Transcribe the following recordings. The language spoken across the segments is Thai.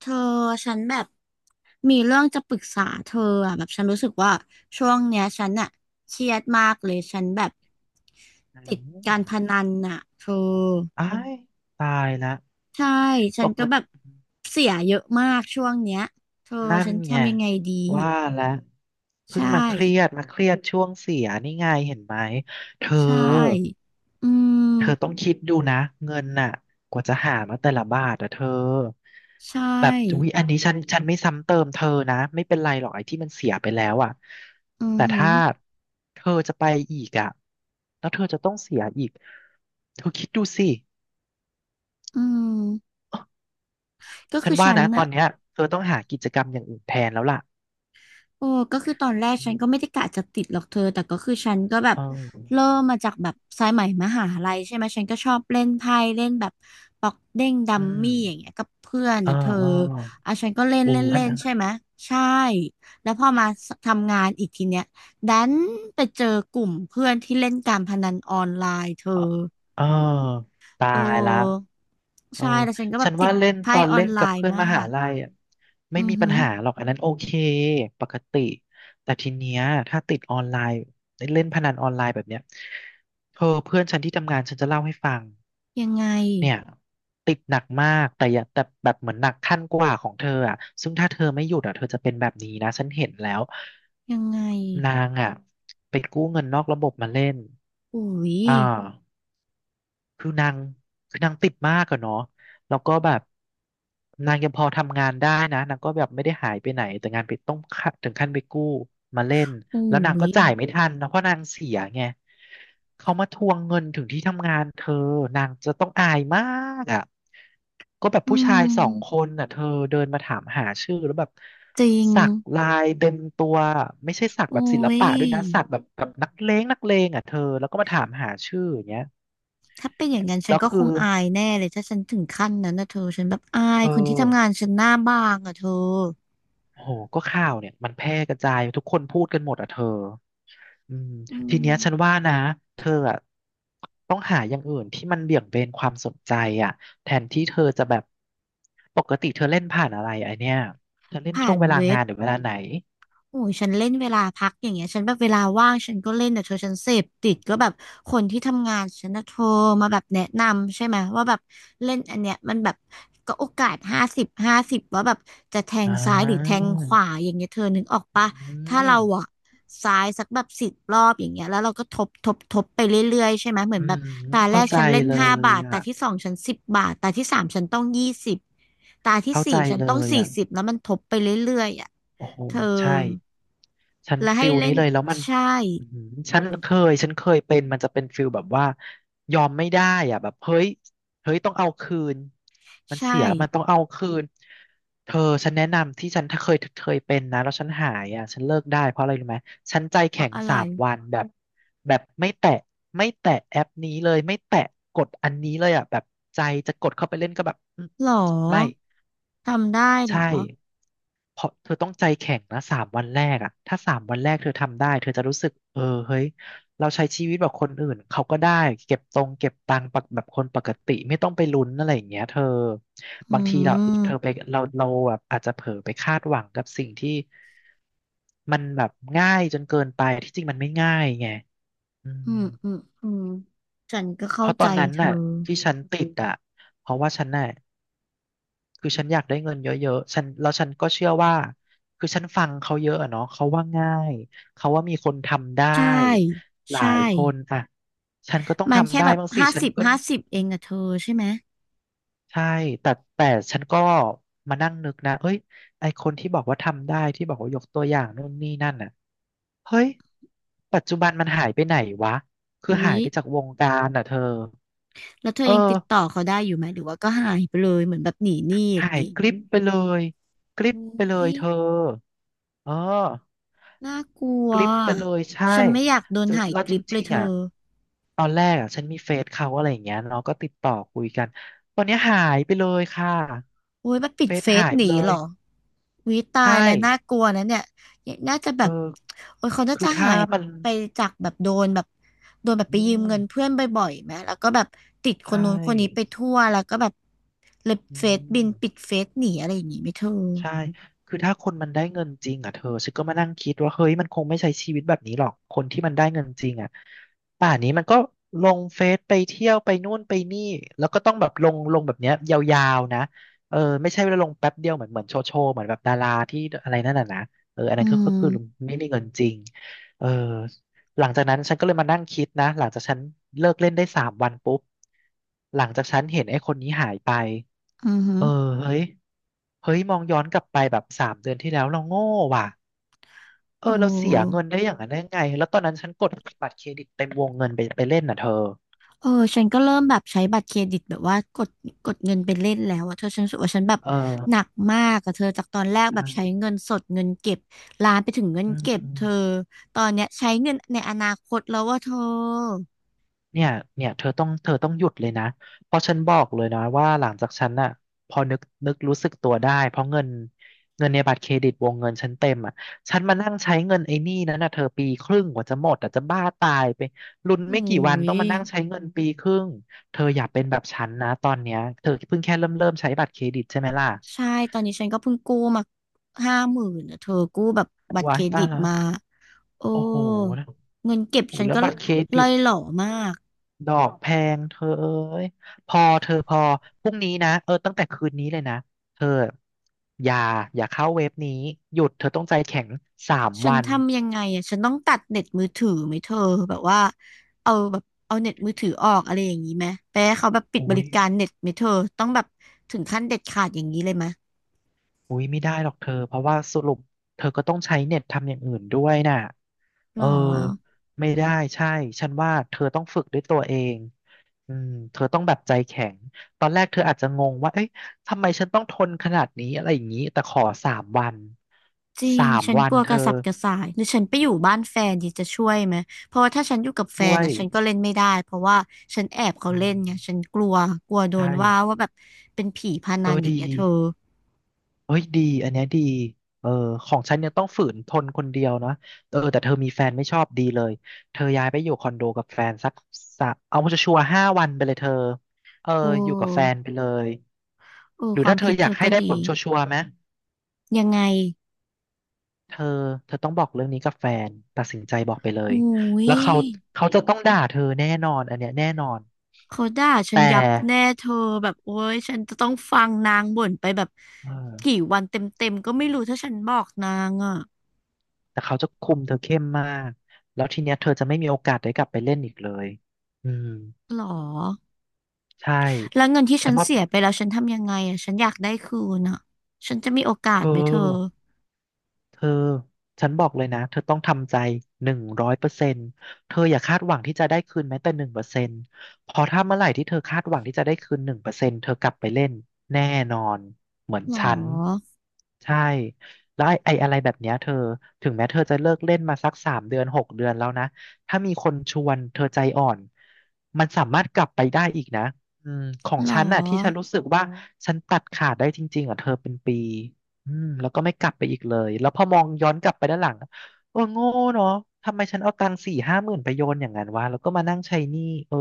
เธอฉันแบบมีเรื่องจะปรึกษาเธออ่ะแบบฉันรู้สึกว่าช่วงเนี้ยฉันอ่ะเครียดมากเลยฉันแบบอืติดกามรพนันอ่ะเธออ้ายตายละใช่ฉัปนกก็ตแบบิเสียเยอะมากช่วงเนี้ยเธอนั่นฉันไงทำยังไงดีว่าแล้วเพิ่ใช่งมาเครียดช่วงเสียนี่ไงเห็นไหมเธอใช่อืต้มองคิดดูนะเงินน่ะกว่าจะหามาแต่ละบาทอะเธอใชแบบอุ๊่ยอันนี้ฉันไม่ซ้ำเติมเธอนะไม่เป็นไรหรอกไอ้ที่มันเสียไปแล้วอะอือแต่หือถ้าเธอจะไปอีกอะแล้วเธอจะต้องเสียอีกเธอคิดดูสิ อืมก็ฉัคืนอว่าฉันนะตออ่ะ นเนี้ยเธอต้องหากิจกรรมอย่างอื่นแทนแล้วล่ะโอ้ก็คือตอนแรกอืฉันก็ไม่มได้กะจะติดหรอกเธอแต่ก็คือฉันก็แบบเอเริ่อมมาจากแบบสายไหมมหาลัยใช่ไหมฉันก็ชอบเล่นไพ่เล่นแบบปอกเด้งดัอืมมมี่อย่างเงี้ยกับเพื่อนเออนะเธอเอออ่ะฉันก็เล่นเล่นอัเล่นนนั้นใช่ไหมใช่ แล้วพอมาทำงานอีกทีเนี้ยดันไปเจอกลุ่มเพื่อนที่เล่นการพนันออนไลน์เธอ เอออตาเอยละอเออใช่แล้วฉันก็แบฉับนติว่าดเล่นตไพ่อนออเล่นนไลกับน์เพื่อนมามหากลัยอ่ะไม่อือมีหืปัญอหาหรอกอันนั้นโอเคปกติแต่ทีเนี้ยถ้าติดออนไลน์เล่นพนันออนไลน์แบบเนี้ยเธอเพื่อนฉันที่ทำงานฉันจะเล่าให้ฟัง ยังไงเนี่ยติดหนักมากแต่อย่าแต่แบบเหมือนหนักขั้นกว่าของเธออ่ะซึ่งถ้าเธอไม่หยุดอ่ะเธอจะเป็นแบบนี้นะฉันเห็นแล้วยังไงนางอ่ะไปกู้เงินนอกระบบมาเล่นอุ้ย อ่า คือนางคือนางติดมากอะเนาะแล้วก็แบบนางยังพอทำงานได้นะนางก็แบบไม่ได้หายไปไหนแต่งานไปต้องขั้นถึงขั้นไปกู้มาเล่นอุ้แล้วนางก็ย จ่ายไม่ทันนะเพราะนางเสียไงเขามาทวงเงินถึงที่ทำงานเธอนางจะต้องอายมากอ่ะก็แบบอืผู้ชายสองคมนน่ะเธอเดินมาถามหาชื่อแล้วแบบจริงสักลายเต็มตัวไม่ใช่สักแบบอุ้ศิลย ปะด้วยนะสักแบบนักเลงอ่ะเธอแล้วก็มาถามหาชื่ออย่างเงี้ยถ้าเป็นอย่างนั้นฉัแล้นวก็คคือ งอายแน่เลยถ้าฉันถึงขั้นนั้นนะเธอฉันแบบอายเธอคนที่ทำงานฉันหน้าบางอะเธอโอ้โหก็ข่าวเนี่ยมันแพร่กระจายทุกคนพูดกันหมดอ่ะเธออืมอืทีมเนี้ยฉันว่านะเธออ่ะต้องหาอย่างอื่นที่มันเบี่ยงเบนความสนใจอ่ะแทนที่เธอจะแบบปกติเธอเล่นผ่านอะไรไอเนี้ยเธอเล่นผ่าช่วงนเวลาเว็งาบ นหรือเวลาไหนโอ้ยฉันเล่นเวลาพักอย่างเงี้ยฉันแบบเวลาว่างฉันก็เล่นแต่เธอฉันเสพติดก็แบบคนที่ทำงานฉันนะโทรมาแบบแนะนำใช่ไหมว่าแบบเล่นอันเนี้ยมันแบบก็โอกาสห้าสิบห้าสิบว่าแบบจะแทงอ่ซ้ายหรือแทางขวาอย่างเงี้ยเธอนึกออกปะอืถ้าเรามอะซ้ายสักแบบ10 รอบอย่างเงี้ยแล้วเราก็ทบไปเรื่อยๆใช่ไหมเหมืออืนแบบมตาแรเข้ากใจฉันเล่นเลห้ายบาทอ่ะตาที่สองฉัน10 บาทตาที่สามฉันต้อง20ตาที่เข้าใจสี่ฉันเลต้องยสี่อ่ะสิบแล้วมันทบไปเรื่อยๆอะ โอ้โหเธอใช่ ฉันและฟิให้ลนี้เล่นเลยแล้วมันใช่อื้อหือฉันเคยเป็นมันจะเป็นฟิลแบบว่ายอมไม่ได้อ่ะแบบเฮ้ยต้องเอาคืนมันใช่เสียแล้วมันต้องเอาคืนเธอฉันแนะนำที่ฉันเคยเป็นนะแล้วฉันหายอ่ะฉันเลิกได้เพราะอะไรรู้ไหมฉันใจเพแข็ราะงอะไรสามวันแบบแบบไม่แตะแอปนี้เลยไม่แตะกดอันนี้เลยอ่ะแบบใจจะกดเข้าไปเล่นก็แบบหรอไม่ ทำได้หรใช่อเพราะเธอต้องใจแข็งนะสามวันแรกอะถ้าสามวันแรกเธอทำได้เธอจะรู้สึกเออเฮ้ยเราใช้ชีวิตแบบคนอื่นเขาก็ได้เก็บตังค์ปกแบบคนปกติไม่ต้องไปลุ้นอะไรอย่างเงี้ยเธออืบางทีเราเธอไปมเราแบบอาจจะเผลอไปคาดหวังกับสิ่งที่มันแบบง่ายจนเกินไปที่จริงมันไม่ง่ายไงอือืมมอืมอืมฉันก็เพเข้าราะตใจอนนั้นเธอน่ะที่ฉันติดอ่ะเพราะว่าฉันน่ะ คือฉันอยากได้เงินเยอะๆฉันแล้วฉันก็เชื่อว่าคือฉันฟังเขาเยอะอะเนาะเขาว่าง่ายเขาว่ามีคนทำได้ใช่หลาใช่ยคนอ่ะฉันก็ต้องมันแค่ทำได้แบบบ้างสิห้าฉันสิบก็ห้าสิบเองอะเธอใช่ไหมใช่แต่แต่ฉันก็มานั่งนึกนะเอ้ยไอคนที่บอกว่าทำได้ที่บอกว่ายกตัวอย่างนู่นนี่นั่นอ่ะเฮ้ยปัจจุบันมันหายไปไหนวะคืออุ๊หายยไปจากวงการอ่ะเธอแล้วเธอเออยังติดต่อเขาได้อยู่ไหมหรือว่าก็หายไปเลยเหมือนแบบหนีหนี้อย่างหายนี้กริบไปเลยกริบอุ๊ไปเลยยเธอเออ น่ากลัวกลิปไปเลยใช่ฉันไม่อยากโดนจะหายแล้วกจริปเลริยงเธๆอ่ะอ ตอนแรกอ่ะฉันมีเฟซเขาอะไรอย่างเงี้ยเราก็ติดต่อคุยกันตอนเนี้ยหายไปเลยค่ะโอ้ยมันปิเฟดซเฟซหายหไปนีเลเหรยอวิตาใช่ยแล้วน่ากลัวนะเนี่ยน่าจะแบเออบ โอ้ยเขาน่าคือจะหาถ้ายมันไปจากแบบโดนแบบไปอืยืมมเงินเพื่อนบ่อยๆไหมแล้วก็แบบติดคนใช่นู้นคนนี้ไปทั่วแล้วก็แบบเลยอืเฟซบินปิดม เฟซหนีอะไรอย่างงี้ไหม่เธอใช่คือถ้าคนมันได้เงินจริงอ่ะเธอฉันก็มานั่งคิดว่าเฮ้ยมันคงไม่ใช้ชีวิตแบบนี้หรอกคนที่มันได้เงินจริงอ่ะป่านนี้มันก็ลงเฟซไปเที่ยวไปนู่นไปนี่แล้วก็ต้องแบบลงแบบเนี้ยยาวๆนะเออไม่ใช่ว่าลงแป๊บเดียวเหมือนโชว์เหมือนแบบดาราที่อะไรนั่นน่ะนะเอออันอืนั้นก็คือมไม่มีเงินจริงเออหลังจากนั้นฉันก็เลยมานั่งคิดนะหลังจากฉันเลิกเล่นได้สามวันปุ๊บหลังจากฉันเห็นไอ้คนนี้หายไปอือฮึเออเฮ้ย เฮ้ยมองย้อนกลับไปแบบสามเดือนที่แล้วเราโง่ว่ะเออโอ้ เราเสียเงินได้อย่างนั้นได้ไงแล้วตอนนั้นฉันกดบัตรเครดิตเต็มวงเงินไปเล่นน่ะเธอเออฉันก็เริ่มแบบใช้บัตรเครดิตแบบว่ากดเงินไปเล่นแล้วอะเธอฉันรู้สึกว่าฉันแบบเออหนักมากอะเธอจากตอนแรกแบบใช้ใช่เงินสดเงินเก็บลามไปถึงเงินอืเก็บเธอม ตอนเนี้ยใช้เงินในอนาคตแล้วว่าเธอเนี่ยเนี่ยเธอต้องหยุดเลยนะเพราะฉันบอกเลยนะว่าหลังจากฉันน่ะพอนึกรู้สึกตัวได้เพราะเงินในบัตรเครดิตวงเงินฉันเต็มอ่ะฉันมานั่งใช้เงินไอ้หนี่นั้นน่ะเธอปีครึ่งกว่าจะหมดอ่ะจะบ้าตายไปลุ้นโอ้ไม่กี่วันยต้องมานั่งใช้เงินปีครึ่งเธออย่าเป็นแบบฉันนะตอนเนี้ยเธอเพิ่งแค่เริ่มใช้บัตรเครดิตใช่ไหมล่ะใช่ตอนนี้ฉันก็เพิ่งกู้มา50,000อะเธอกู้แบบบัตรเคว้ารยตาดิยตแล้วมาโอ้โอ้โหนะเงินเก็บโอ้โหฉันแล้วก็บัตรเครดิล่อต ยหล่อมาก ดอกแพงเธอเอ้ยพอเธอพอพรุ่งนี้นะเออตั้งแต่คืนนี้เลยนะเธออย่าอย่าเข้าเว็บนี้หยุดเธอต้องใจแข็งสามฉันวันทำยังไงอ่ะฉันต้องตัดเน็ตมือถือไหมเธอแบบว่าเอาแบบเอาเน็ตมือถือออกอะไรอย่างนี้ไหมไปให้เขาแบบปิดบอุ้ริยการเน็ตไหมเธอต้องแบบถึงขั้นเด็ดขาดอย่างนี้เลยไหมอุ้ยไม่ได้หรอกเธอเพราะว่าสรุปเธอก็ต้องใช้เน็ตทำอย่างอื่นด้วยน่ะหเอรออไม่ได้ใช่ฉันว่าเธอต้องฝึกด้วยตัวเองอืมเธอต้องแบบใจแข็งตอนแรกเธออาจจะงงว่าเอ๊ะทำไมฉันต้องทนขนาดนี้อะไรอย่างนี้แต่ขอสามวันจริงสามฉันวักนลัวกเธระอ สับกระส่ายหรือฉันไปอยู่บ้านแฟนดีจะช่วยไหมเพราะว่าถ้าฉันอยู่กับแฟด้นวยนะฉันก็เล่นไม่ได้เพราะว่าฉันแอบเขาอืเล่นไงฉันมกลัวกลัวโดนใช่ว่าว่าแบบเป็นผีพเอนัอนอย่าดีงเงี้ยเธอเอ้ยดีอันเนี้ยดีเออของฉันเนี่ยต้องฝืนทนคนเดียวนะเออแต่เธอมีแฟนไม่ชอบดีเลยเธอย้ายไปอยู่คอนโดกับแฟนสักสะเอาชัวร์ๆ5 วันไปเลยเธอเออโออยู่กับแฟน้ไปเลยโอ้หรืคอวามถ้าเธคิอดอเธยากอให้ก็ได้ผดีลชัวร์ๆไหมยังไงเธอเธอต้องบอกเรื่องนี้กับแฟนตัดสินใจบอกไปเลยอุ้ย แล้วเขาเขาจะต้องด่าเธอแน่นอนอันเนี้ยแน่นอนเขาด่าฉันแต่ยับแน่เธอแบบโอ๊ยฉันจะต้องฟังนางบ่นไปแบบเอกี่อ วันเต็มๆก็ไม่รู้ถ้าฉันบอกนางอ่ะแต่เขาจะคุมเธอเข้มมาก แล้วทีเนี้ยเธอจะไม่มีโอกาสได้กลับไปเล่นอีกเลยอืมหรอใช่ แล้วเงินที่ฉัฉันนว่าเสียไปแล้วฉันทำยังไงอ่ะฉันอยากได้คืนอ่ะฉันจะมีโอกาเธสอ ไหมเธอเธอฉันบอกเลยนะเธอต้องทำใจ100%เธออย่าคาดหวังที่จะได้คืนแม้แต่หนึ่งเปอร์เซ็นต์พอถ้าเมื่อไหร่ที่เธอคาดหวังที่จะได้คืนหนึ่งเปอร์เซ็นต์เธอกลับไปเล่นแน่นอนเหมือนหรฉันอใช่แล้วไอ้อะไรแบบเนี้ยเธอถึงแม้เธอจะเลิกเล่นมาสัก3 เดือน6 เดือนแล้วนะถ้ามีคนชวนเธอใจอ่อนมันสามารถกลับไปได้อีกนะอืมของหรอฉันน่ะที่ฉันรู้สึกว่าฉันตัดขาดได้จริงๆอ่ะเธอเป็นปี อืมแล้วก็ไม่กลับไปอีกเลย แล้วพอมองย้อนกลับไปด้านหลังเออโง่เนาะทำไมฉันเอาตังค์สี่ห้าหมื่นไปโยนอย่างนั้นวะแล้วก็มานั่งใช้หนี้เออ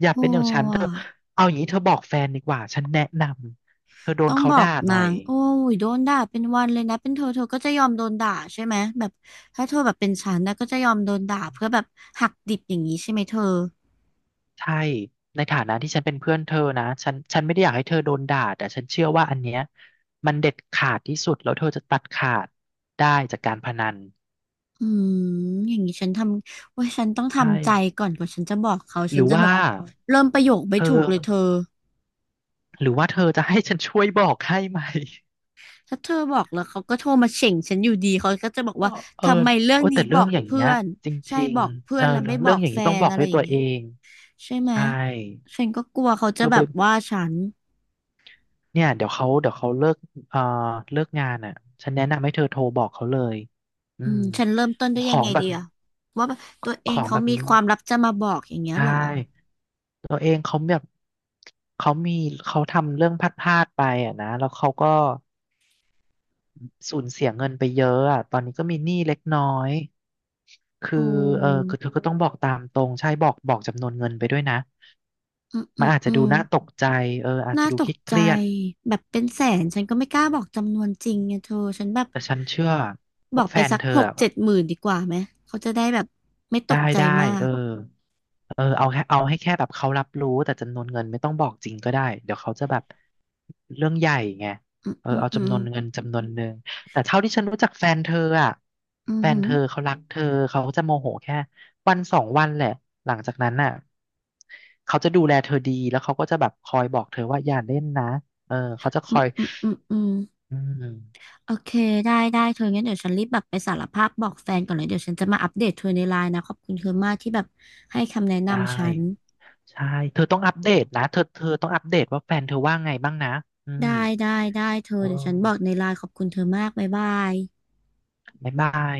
อย่าเป็โอ้นอย่างฉันเธอะอเอาอย่างนี้เธอบอกแฟนดีกว่าฉันแนะนำเธอโดต้นองเขาบอด่ากหน่นาอยงโอ้ยโดนด่าเป็นวันเลยนะเป็นเธอเธอก็จะยอมโดนด่าใช่ไหมแบบถ้าเธอแบบเป็นฉันนะก็จะยอมโดนด่าเพื่อแบบหักดิบอย่างนี้ใช่ไหมเธอ ใช่ในฐานะที่ฉันเป็นเพื่อนเธอนะฉันไม่ได้อยากให้เธอโดนด่าแต่ฉันเชื่อว่าอันเนี้ยมันเด็ดขาดที่สุดแล้วเธอจะตัดขาดได้จากการพนันอืมอย่างนี้ฉันทำว่าฉันต้องใช่ทำใจก่อนกว่าฉันจะบอกเขาหฉันรือจะแบว่าบเริ่มประโยคเธไม่อถูกเลยเธอหรือว่าเธอจะให้ฉันช่วยบอกให้ไหม ถ้าเธอบอกแล้วเขาก็โทรมาเฉ่งฉันอยู่ดีเขาก็จะบอกเออว่าเออทำไมเรื่องโอ้นี้แต่บเรื่อองกอย่างเพื่เงี้ยอนจใช่ริงบอกๆเพื่เอออนแล้วเรื่ไม่องบอเรื่องกอย่างแฟนี้ต้องนบอกอะไรด้วยอย่าตังวเงี้เอยงใช่ไหมใช่ฉันก็กลัวเขาเธจะอแบไปบว่าฉันเนี่ยเดี๋ยวเขาเอ่อเลิกงานอ่ะฉันแนะนำให้เธอโทรบอกเขาเลยอือืมมฉันเริ่มต้นได้ขยัองไงงแบดีบอะว่าแบบตัวเอขงองเขาแบบมีนี้ความลับจะมาบอกอย่างเงี้ยใช่เหรอตัวเองเขาแบบเขามีเขาทำเรื่องพลาดๆไปอ่ะนะแล้วเขาก็สูญเสียเงินไปเยอะอ่ะตอนนี้ก็มีหนี้เล็กน้อยคือโอ้เออคือเธอก็ต้องบอกตามตรงใช่บอกจำนวนเงินไปด้วยนะ อืมอืมันมอาจอืจะดูม น่าตกใจเอออาจน่าจะดูตกเคใจรียดๆแบบเป็นแสนฉันก็ไม่กล้าบอกจำนวนจริงไงเธอฉันแบบแต่ฉันเชื่อบว่าอกแฟไปนสักเธอหกอะเจ็ดหมื่นดีกว่าไหมเขาจะได้แบบไม่ตได้กใจได้มาเอกอเออเอาแค่เอาให้แค่แบบเขารับรู้แต่จำนวนเงินไม่ต้องบอกจริงก็ได้เดี๋ยวเขาจะแบบเรื่องใหญ่ไงอืมเอออืมเอาอืจำมนวนเงินจำนวนหนึ่งแต่เท่าที่ฉันรู้จักแฟนเธออ่ะอืมแฟนหืเธมอเขารักเธอเขาจะโมโหแค่วันสองวันแหละหลังจากนั้นน่ะเขาจะดูแลเธอดีแล้วเขาก็จะแบบคอยบอกเธอว่าอย่าเล่นนะเออเขาจะคอืมอยอืมอืมอืมอืม โอเคได้ได้เธองั้นเดี๋ยวฉันรีบแบบไปสารภาพบอกแฟนก่อนเลยเดี๋ยวฉันจะมาอัปเดตเธอในไลน์นะขอบคุณเธอมากที่แบบให้คำแนะได้นำฉันใช่เธอต้องอัปเดตนะเธอต้องอัปเดตว่าแฟนเธอว่าไงบ้างนะอืมได้ได้ได้เธอเอเดี๋ยวฉันบอกอในไลน์ขอบคุณเธอมากบ๊ายบายบ๊ายบาย